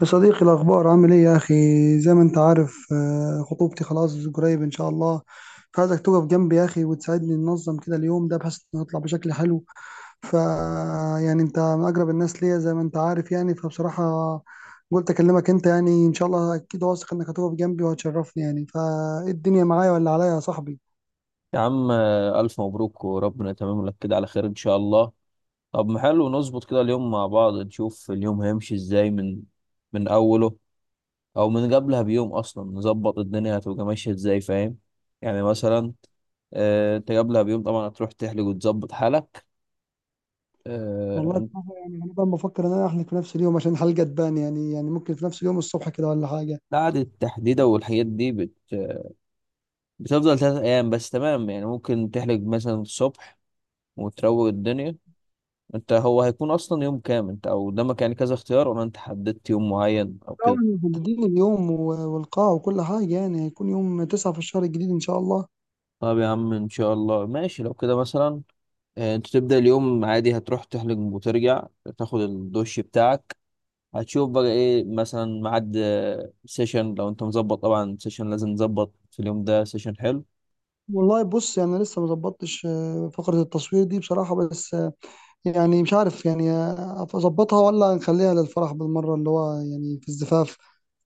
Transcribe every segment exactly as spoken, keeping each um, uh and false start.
يا صديقي، الأخبار عامل إيه يا أخي؟ زي ما أنت عارف آه، خطوبتي خلاص قريب إن شاء الله. فعايزك تقف جنبي يا أخي وتساعدني ننظم كده اليوم ده بحيث نطلع بشكل حلو. ف يعني أنت من أقرب الناس ليا زي ما أنت عارف يعني، فبصراحة قلت أكلمك أنت، يعني إن شاء الله أكيد واثق إنك هتقف جنبي وهتشرفني، يعني فإيه الدنيا معايا ولا عليا يا صاحبي؟ يا عم آه، ألف مبروك وربنا يتمم لك كده على خير إن شاء الله. طب ما حلو نظبط كده اليوم مع بعض، نشوف اليوم هيمشي إزاي من من أوله، أو من قبلها بيوم أصلا نظبط الدنيا هتبقى ماشية إزاي، فاهم؟ يعني مثلا آه، أنت قبلها بيوم طبعا هتروح تحلق وتظبط حالك. آه، والله أنت بصراحة يعني أنا بقى بفكر إن أنا أحلف في نفس اليوم عشان الحلقة تبان يعني، يعني ممكن في نفس اليوم الصبح كده ولا حاجة. قعدة التحديدة والحاجات دي بت... بتفضل ثلاث أيام بس، تمام؟ يعني ممكن تحلق مثلا الصبح وتروق الدنيا. انت هو هيكون اصلا يوم كام انت او قدامك؟ يعني كذا اختيار ولا انت حددت يوم معين او طبعا كده؟ محددين اليوم و- والقاعة وكل حاجة، يعني هيكون يوم تسعة في الشهر الجديد إن شاء الله. طب يا عم ان شاء الله ماشي، لو كده مثلا آه، انت تبدأ اليوم عادي، هتروح تحلق وترجع تاخد الدش بتاعك، هتشوف بقى ايه مثلا ميعاد آه، سيشن لو انت مظبط، طبعا سيشن لازم نظبط في اليوم ده سيشن حلو. والله بص يعني لسه مظبطتش آه، فقرة التصوير دي بصراحة، بس آه، يعني مش عارف يعني آه، أظبطها ولا نخليها للفرح بالمرة، اللي هو يعني في الزفاف.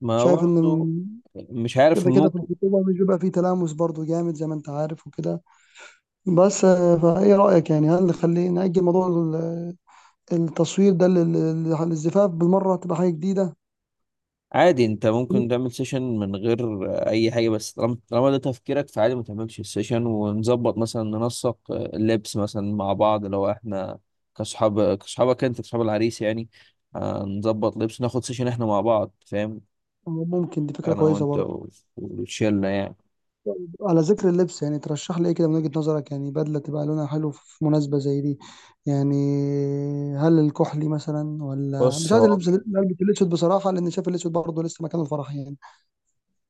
ما شايف إن برضه م- مش عارف كده كده في ممكن الخطوبة مش بيبقى فيه تلامس برضو جامد زي ما أنت عارف وكده، بس آه، فإيه رأيك يعني، هل نخلي نأجل موضوع ال- التصوير ده لل- للزفاف بالمرة تبقى حاجة جديدة؟ عادي، انت ممكن تعمل سيشن من غير آه، اي حاجه، بس طالما طالما ده تفكيرك فعادي ما تعملش السيشن، ونظبط مثلا ننسق آه، اللبس مثلا مع بعض لو احنا كصحاب كصحابك انت كصحاب العريس يعني. آه، نظبط لبس ناخد سيشن احنا مع بعض، فاهم؟ ممكن دي فكرة انا كويسة وانت برضو. و- والشله يعني. على ذكر اللبس يعني، ترشح لي ايه كده من وجهة نظرك؟ يعني بدلة تبقى لونها حلو في مناسبة زي دي، يعني هل الكحلي مثلا ولا بص مش عايز، هو البس البس الاسود بصراحة لان شايف الاسود برضه لسه مكان الفرح يعني.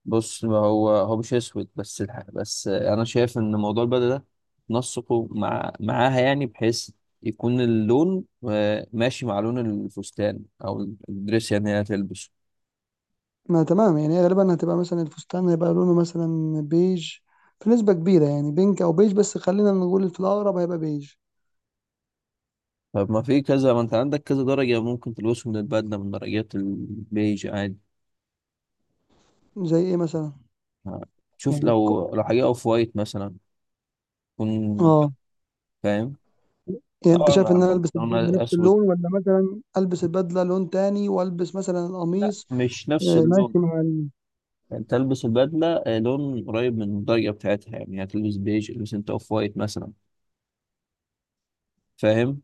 بص ما هو هو مش اسود بس الح- بس انا شايف ان موضوع البدله ده نسقه مع معاها يعني، بحيث يكون اللون آه، ماشي مع لون الفستان او الدريس يعني اللي هتلبسه. ما تمام، يعني هي غالبا هتبقى مثلا الفستان هيبقى لونه مثلا بيج في نسبة كبيرة، يعني بينك او بيج، بس خلينا نقول في الاقرب هيبقى بيج. طب ما في كذا، ما انت عندك كذا درجه ممكن تلبسه من البدله من درجات البيج عادي. زي ايه مثلا؟ آه، شوف يعني ك- لو لو حاجه اوف وايت مثلا تكون، اه فاهم؟ يعني انت طبعا شايف على ان انا البس البنطلون البدله نفس اسود. اللون ولا مثلا البس البدله لون تاني والبس مثلا لا القميص مش نفس آه، اللون، ماشي مع. تلبس البدلة آه، لون قريب من الدرجة بتاعتها يعني، هتلبس بيج البس انت اوف وايت مثلا، فاهم؟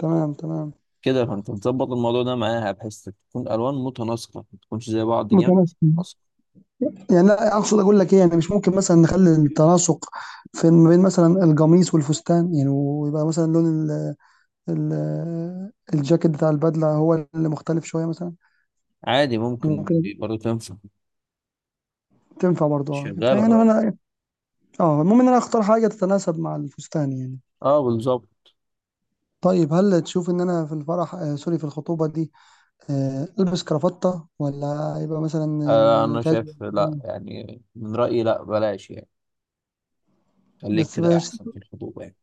تمام تمام. كده فانت تظبط الموضوع ده معاها بحيث تكون الوان متناسقة، ما تكونش زي بعض جامد بس متمكن، متناسقة. يعني لا اقصد اقول لك ايه، يعني مش ممكن مثلا نخلي التناسق في ما بين مثلا القميص والفستان، يعني ويبقى مثلا لون ال ال الجاكيت بتاع البدله هو اللي مختلف شويه مثلا. عادي ممكن ممكن دي برضه تنفع. تنفع برضه اه شغالة فيعني اه. انا، اه المهم ان انا اختار حاجه تتناسب مع الفستان يعني. اه بالظبط. طيب هل تشوف ان انا في الفرح آه سوري في الخطوبه دي آه البس كرافته ولا يبقى مثلا آه آه، انا كاجوال شايف لا، كده؟ يعني من رأيي لا، بلاش يعني. خليك بس كده احسن في الخطوبة يعني.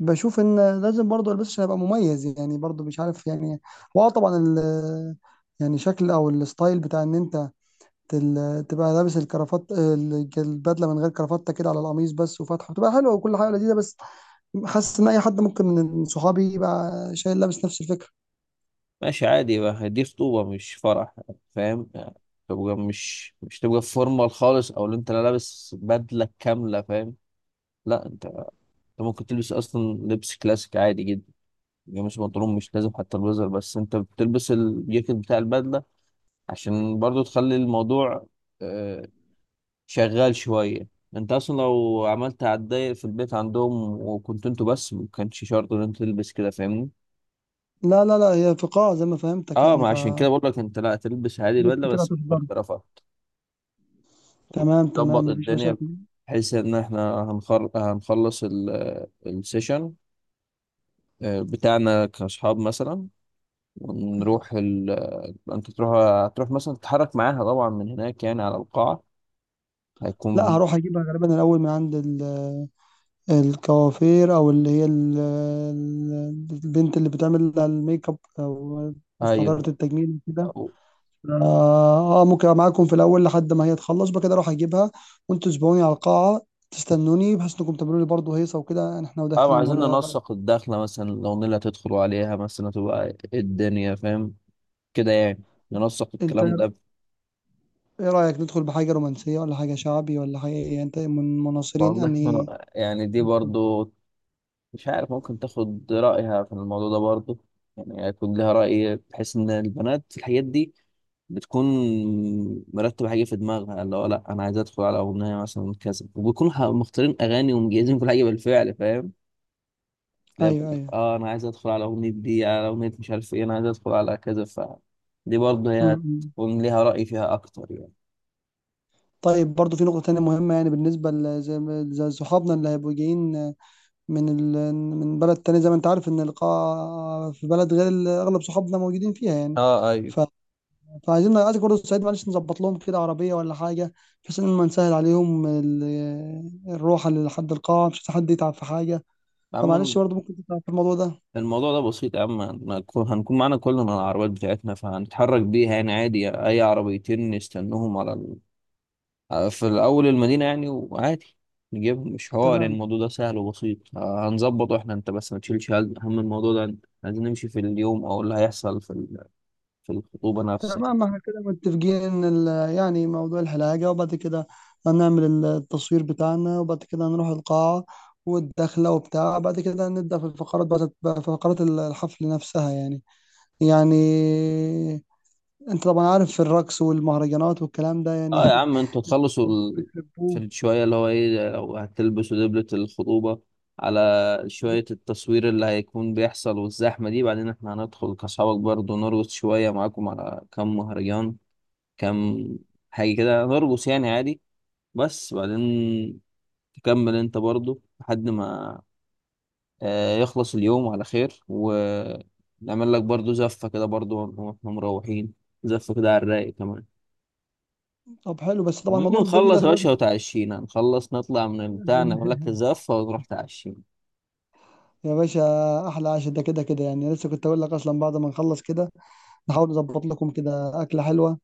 بشوف ان لازم برضه البس عشان ابقى مميز يعني، برضه مش عارف يعني. واه طبعا ال يعني شكل او الستايل بتاع ان انت تل- تبقى لابس الكرافات ال- البدله من غير كرافته كده على القميص بس وفاتحه بتبقى حلوه وكل حاجه لذيذه، بس حاسس ان اي حد ممكن من صحابي يبقى شايل لابس نفس الفكره. ماشي عادي بقى، دي خطوبة مش فرح يعني، فاهم يعني؟ تبقى مش مش تبقى فورمال خالص او اللي انت لا لابس بدلة كاملة، فاهم؟ لا انت، انت ممكن تلبس اصلا لبس كلاسيك عادي جدا، يعني مش بنطلون، مش لازم حتى البليزر، بس انت بتلبس الجاكيت بتاع البدله عشان برضو تخلي الموضوع آه، شغال شويه. انت اصلا لو عملت هتضايق في البيت عندهم، وكنت انتوا بس ما كانش شرط ان انت تلبس كده، فاهمني؟ لا لا لا، هي في قاعه زي ما فهمتك اه يعني، ما ف عشان كده بقول لك انت لا تلبس عادي ناس البدله كتير بس هتحضر. بالكرافات تمام تمام وتظبط مفيش الدنيا، مشاكل. بحيث ان احنا هنخل- هنخلص ال- السيشن آه، بتاعنا كاصحاب مثلا ونروح ال... انت تروح، هتروح مثلا تتحرك معاها طبعا من هناك يعني على القاعة لا، هيكون. هروح اجيبها غالبا الاول من عند ال الكوافير او اللي هي ال- ال- البنت اللي بتعمل الميك اب او مستحضرة ايوه التجميل كده. او. اه آه، ممكن أبقى معاكم في الاول لحد ما هي تخلص، بكده اروح اجيبها وانتوا تسبقوني على القاعة تستنوني بحيث انكم تعملوا لي برضه هيصة وكده احنا أو وداخلين، عايزين ولا إيه رأيك؟ ننسق الدخلة مثلا، لو نيلة هتدخلوا عليها مثلا تبقى إيه الدنيا، فاهم كده يعني؟ ننسق انت الكلام ده. ايه رأيك ندخل بحاجة رومانسية ولا حاجة شعبي ولا حاجة ايه؟ انت من مناصرين والله انهي؟ ما- يعني دي برضو مش عارف، ممكن تاخد رأيها في الموضوع ده برضو، يعني هيكون لها رأي بحيث ان البنات في الحاجات دي بتكون مرتبة حاجة في دماغها، اللي هو لأ أنا عايز أدخل على أغنية مثلا كذا، وبيكونوا ح- مختارين أغاني ومجهزين كل حاجة بالفعل، فاهم؟ تلاقي ايوه بيقول لك، ايوه. آه أنا عايز أدخل على أغنية دي، على أغنية مش عارف إيه، أنا عايز أدخل على كذا، ف دي برضه م- هي م. هتكون ليها رأي فيها أكتر يعني. طيب برضه في نقطة تانية مهمة، يعني بالنسبة ل- زي ما- زي صحابنا اللي هيبقوا جايين من ال... من بلد تاني، زي ما انت عارف ان القاعة في بلد غير ال- اغلب صحابنا موجودين فيها يعني اه ايوه. ف... فعايزين عايزك برضه تساعد، معلش نظبط لهم كده عربية ولا حاجة بحيث ان ما نسهل عليهم ال... الروح لحد القاعة، مش عايز حد يتعب في حاجة، أما فمعلش برضه ممكن تتعب في الموضوع ده. الموضوع ده بسيط يا عم، هنكون هنكون معانا كلنا العربيات بتاعتنا فهنتحرك بيها يعني، عادي أي عربيتين نستنوهم على في الأول المدينة يعني، وعادي نجيبهم، مش حوار يعني، تمام الموضوع ده سهل وبسيط. آه، هنظبطه احنا، انت بس ما تشيلش هم هم الموضوع ده. عايزين نمشي في اليوم او اللي هيحصل في ال- في الخطوبة نفسها. تمام، احنا كده متفقين ان ال... يعني موضوع الحلاقة، وبعد كده هنعمل ال- التصوير بتاعنا، وبعد كده هنروح القاعة والدخلة وبتاع، بعد كده نبدأ في الفقرات بقى، في فقرات الحفل نفسها يعني، يعني انت طبعا عارف في الرقص والمهرجانات والكلام ده يعني اه يا عم انتوا تخلصوا ال... بتحبوه. في شوية اللي هو ايه، لو هتلبسوا دبلة الخطوبة على شوية التصوير اللي هيكون بيحصل والزحمة دي، بعدين احنا هندخل كأصحابك برضه نرقص شوية معاكم على كم مهرجان، كم حاجة كده نرقص يعني عادي، بس بعدين تكمل انت برضو لحد ما آه، يخلص اليوم على خير، ونعمل لك برضو زفة كده برضو واحنا مروحين، زفة كده على الرايق كمان. طب حلو، بس طبعا المهم موضوع الدبل ده نخلص يا خلاص. باشا، وتعشينا، نخلص نطلع من البتاع، نعمل لك الزفة ونروح تعشينا. يا باشا، احلى عشاء ده كده كده، يعني لسه كنت اقول لك اصلا بعد ما نخلص كده نحاول نظبط لكم كده اكله حلوه،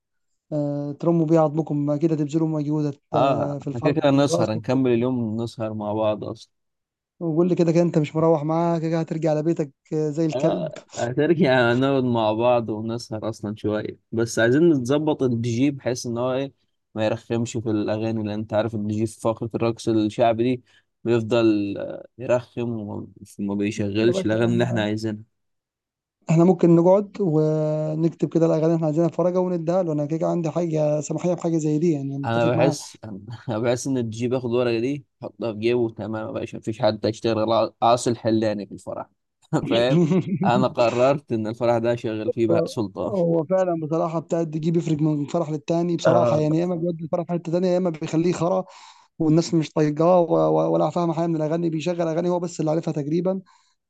أه ترموا بيها عظمكم كده تبذلوا مجهودك اه آه، في احنا كده الفرح كده والرقص. نسهر، نكمل اليوم نسهر مع بعض اصلا. وقول لي كده كده انت مش مروح، معاك كده هترجع لبيتك آه، زي الكلب. اه هترجع يعني نقعد مع بعض ونسهر اصلا شويه، بس عايزين نظبط الدي جي بحيث ان هو ايه ما يرخمش في الاغاني، لان انت عارف الدي جي في فقره الرقص الشعبي دي بيفضل آه، يرخم، وما وما يا بيشغلش باشا الاغاني اللي احنا عايزينها. احنا ممكن نقعد ونكتب كده الاغاني اللي احنا عايزينها في ورقه ونديها له، انا كده كده عندي حاجه سماحيه بحاجه زي دي يعني، أنا انا متفق معاه. بحس انا بحس ان الدي جي بياخد الورقه دي يحطها في جيبه، تمام يا باشا، مفيش حد هيشتغل غير عاصي الحلاني في الفرح. فاهم؟ انا قررت ان الفرح ده شغال فيه بهاء هو سلطان. هو فعلا بصراحه بتاع الدي بيفرق من فرح للتاني بصراحه، آه، يعني يا اما بيودي الفرح في حته تانيه يا اما بيخليه خرا، والناس مش طايقاه و- و- ولا فاهمه حاجه من الاغاني، بيشغل اغاني هو بس اللي عارفها تقريبا.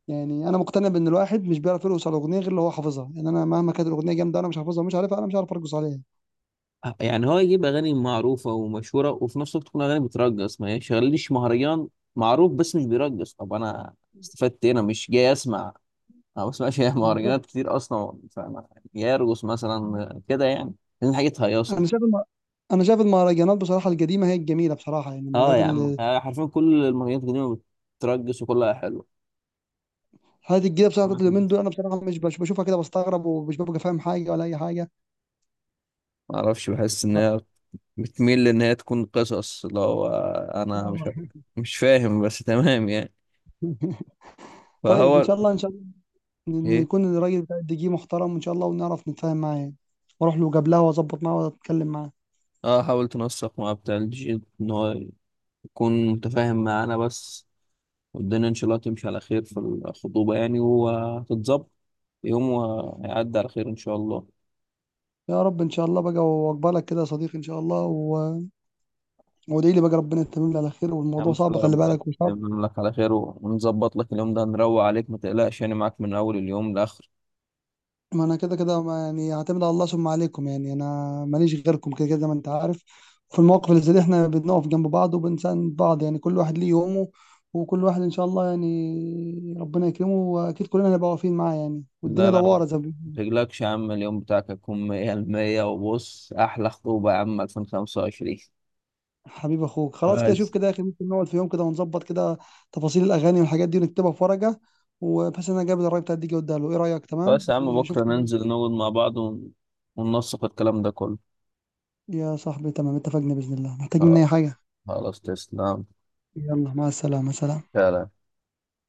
يعني انا مقتنع بان الواحد مش بيعرف يرقص على الاغنيه غير اللي هو حافظها، يعني انا مهما كانت الاغنيه جامده انا مش حافظها ومش عارفها، انا مش عارف ارقص عليها. يعني هو يجيب اغاني معروفه ومشهوره وفي نفس الوقت تكون اغاني بترقص، ما يشغلليش مهرجان معروف بس مش بيرقص. طب انا استفدت ايه؟ انا مش جاي اسمع، انا ما بسمعش بالظبط. مهرجانات كتير اصلا، فانا جاي ارقص مثلا كده يعني، لان حاجه تهيصني. انا شايف الم- انا شايف المهرجانات بصراحه القديمه هي الجميله بصراحه، يعني اه المهرجانات يا عم آه، حرفيا كل المهرجانات القديمه بترقص وكلها حلوه. هذه الجديده بصراحه بتاعت ما اليومين دول انا بصراحه مش بش- بشوفها كده بستغرب ومش ببقى فاهم حاجه ولا اي حاجه. اعرفش بحس ان ف... هي بتميل ان هي تكون قصص اللي هو انا مش آه. مش فاهم بس تمام يعني، طيب ان فهو شاء الله ان شاء الله، ن- ايه. نكون الراجل بتاع الدي جي محترم ان شاء الله ونعرف نتفاهم معاه يعني. واروح له قبلها واظبط معاه واتكلم معاه. اه حاولت نوثق مع بتاع الجي ان هو يكون متفاهم معانا بس، والدنيا ان شاء الله تمشي على خير في الخطوبة يعني، وهتتظبط يوم وهيعدي على خير ان شاء الله. يا رب ان شاء الله بقى، واقبلك كده يا صديقي ان شاء الله و... وادعي لي بقى ربنا يتمم لي على خير، يا عم والموضوع ان شاء صعب الله خلي ربنا بالك، وصعب. يتمم لك على خير، ونظبط لك اليوم ده نروق عليك، ما تقلقش يعني، معاك من اول اليوم لاخر. ما انا كده كده ما- يعني هعتمد على الله ثم عليكم، يعني انا ماليش غيركم كده كده زي ما انت عارف، في المواقف اللي زي دي احنا بنقف جنب بعض وبنساند بعض، يعني كل واحد ليه يومه وكل واحد ان شاء الله يعني ربنا يكرمه، واكيد كلنا هنبقى واقفين معاه يعني، لا والدنيا لا، ما دواره زي ما بيقولوا. تقلقش يا عم، اليوم بتاعك هيكون 100 المية، وبص احلى خطوبة يا عم ألفين وخمسة وعشرين. حبيب اخوك، خلاص كده شوف بس كده يا اخي، ممكن نقعد في يوم كده ونظبط كده تفاصيل الاغاني والحاجات دي ونكتبها في ورقه، وبحيث ان انا جايب الراي بتاعتي اوديها له، ايه رايك؟ تمام بس يا عم شوف بكرة كده ننزل نقعد مع بعض ون- وننسق الكلام ده كله. يا صاحبي، تمام اتفقنا باذن الله، محتاج مني اي حاجه؟ خلاص تسلم. يلا مع السلامه، سلام. فعلا.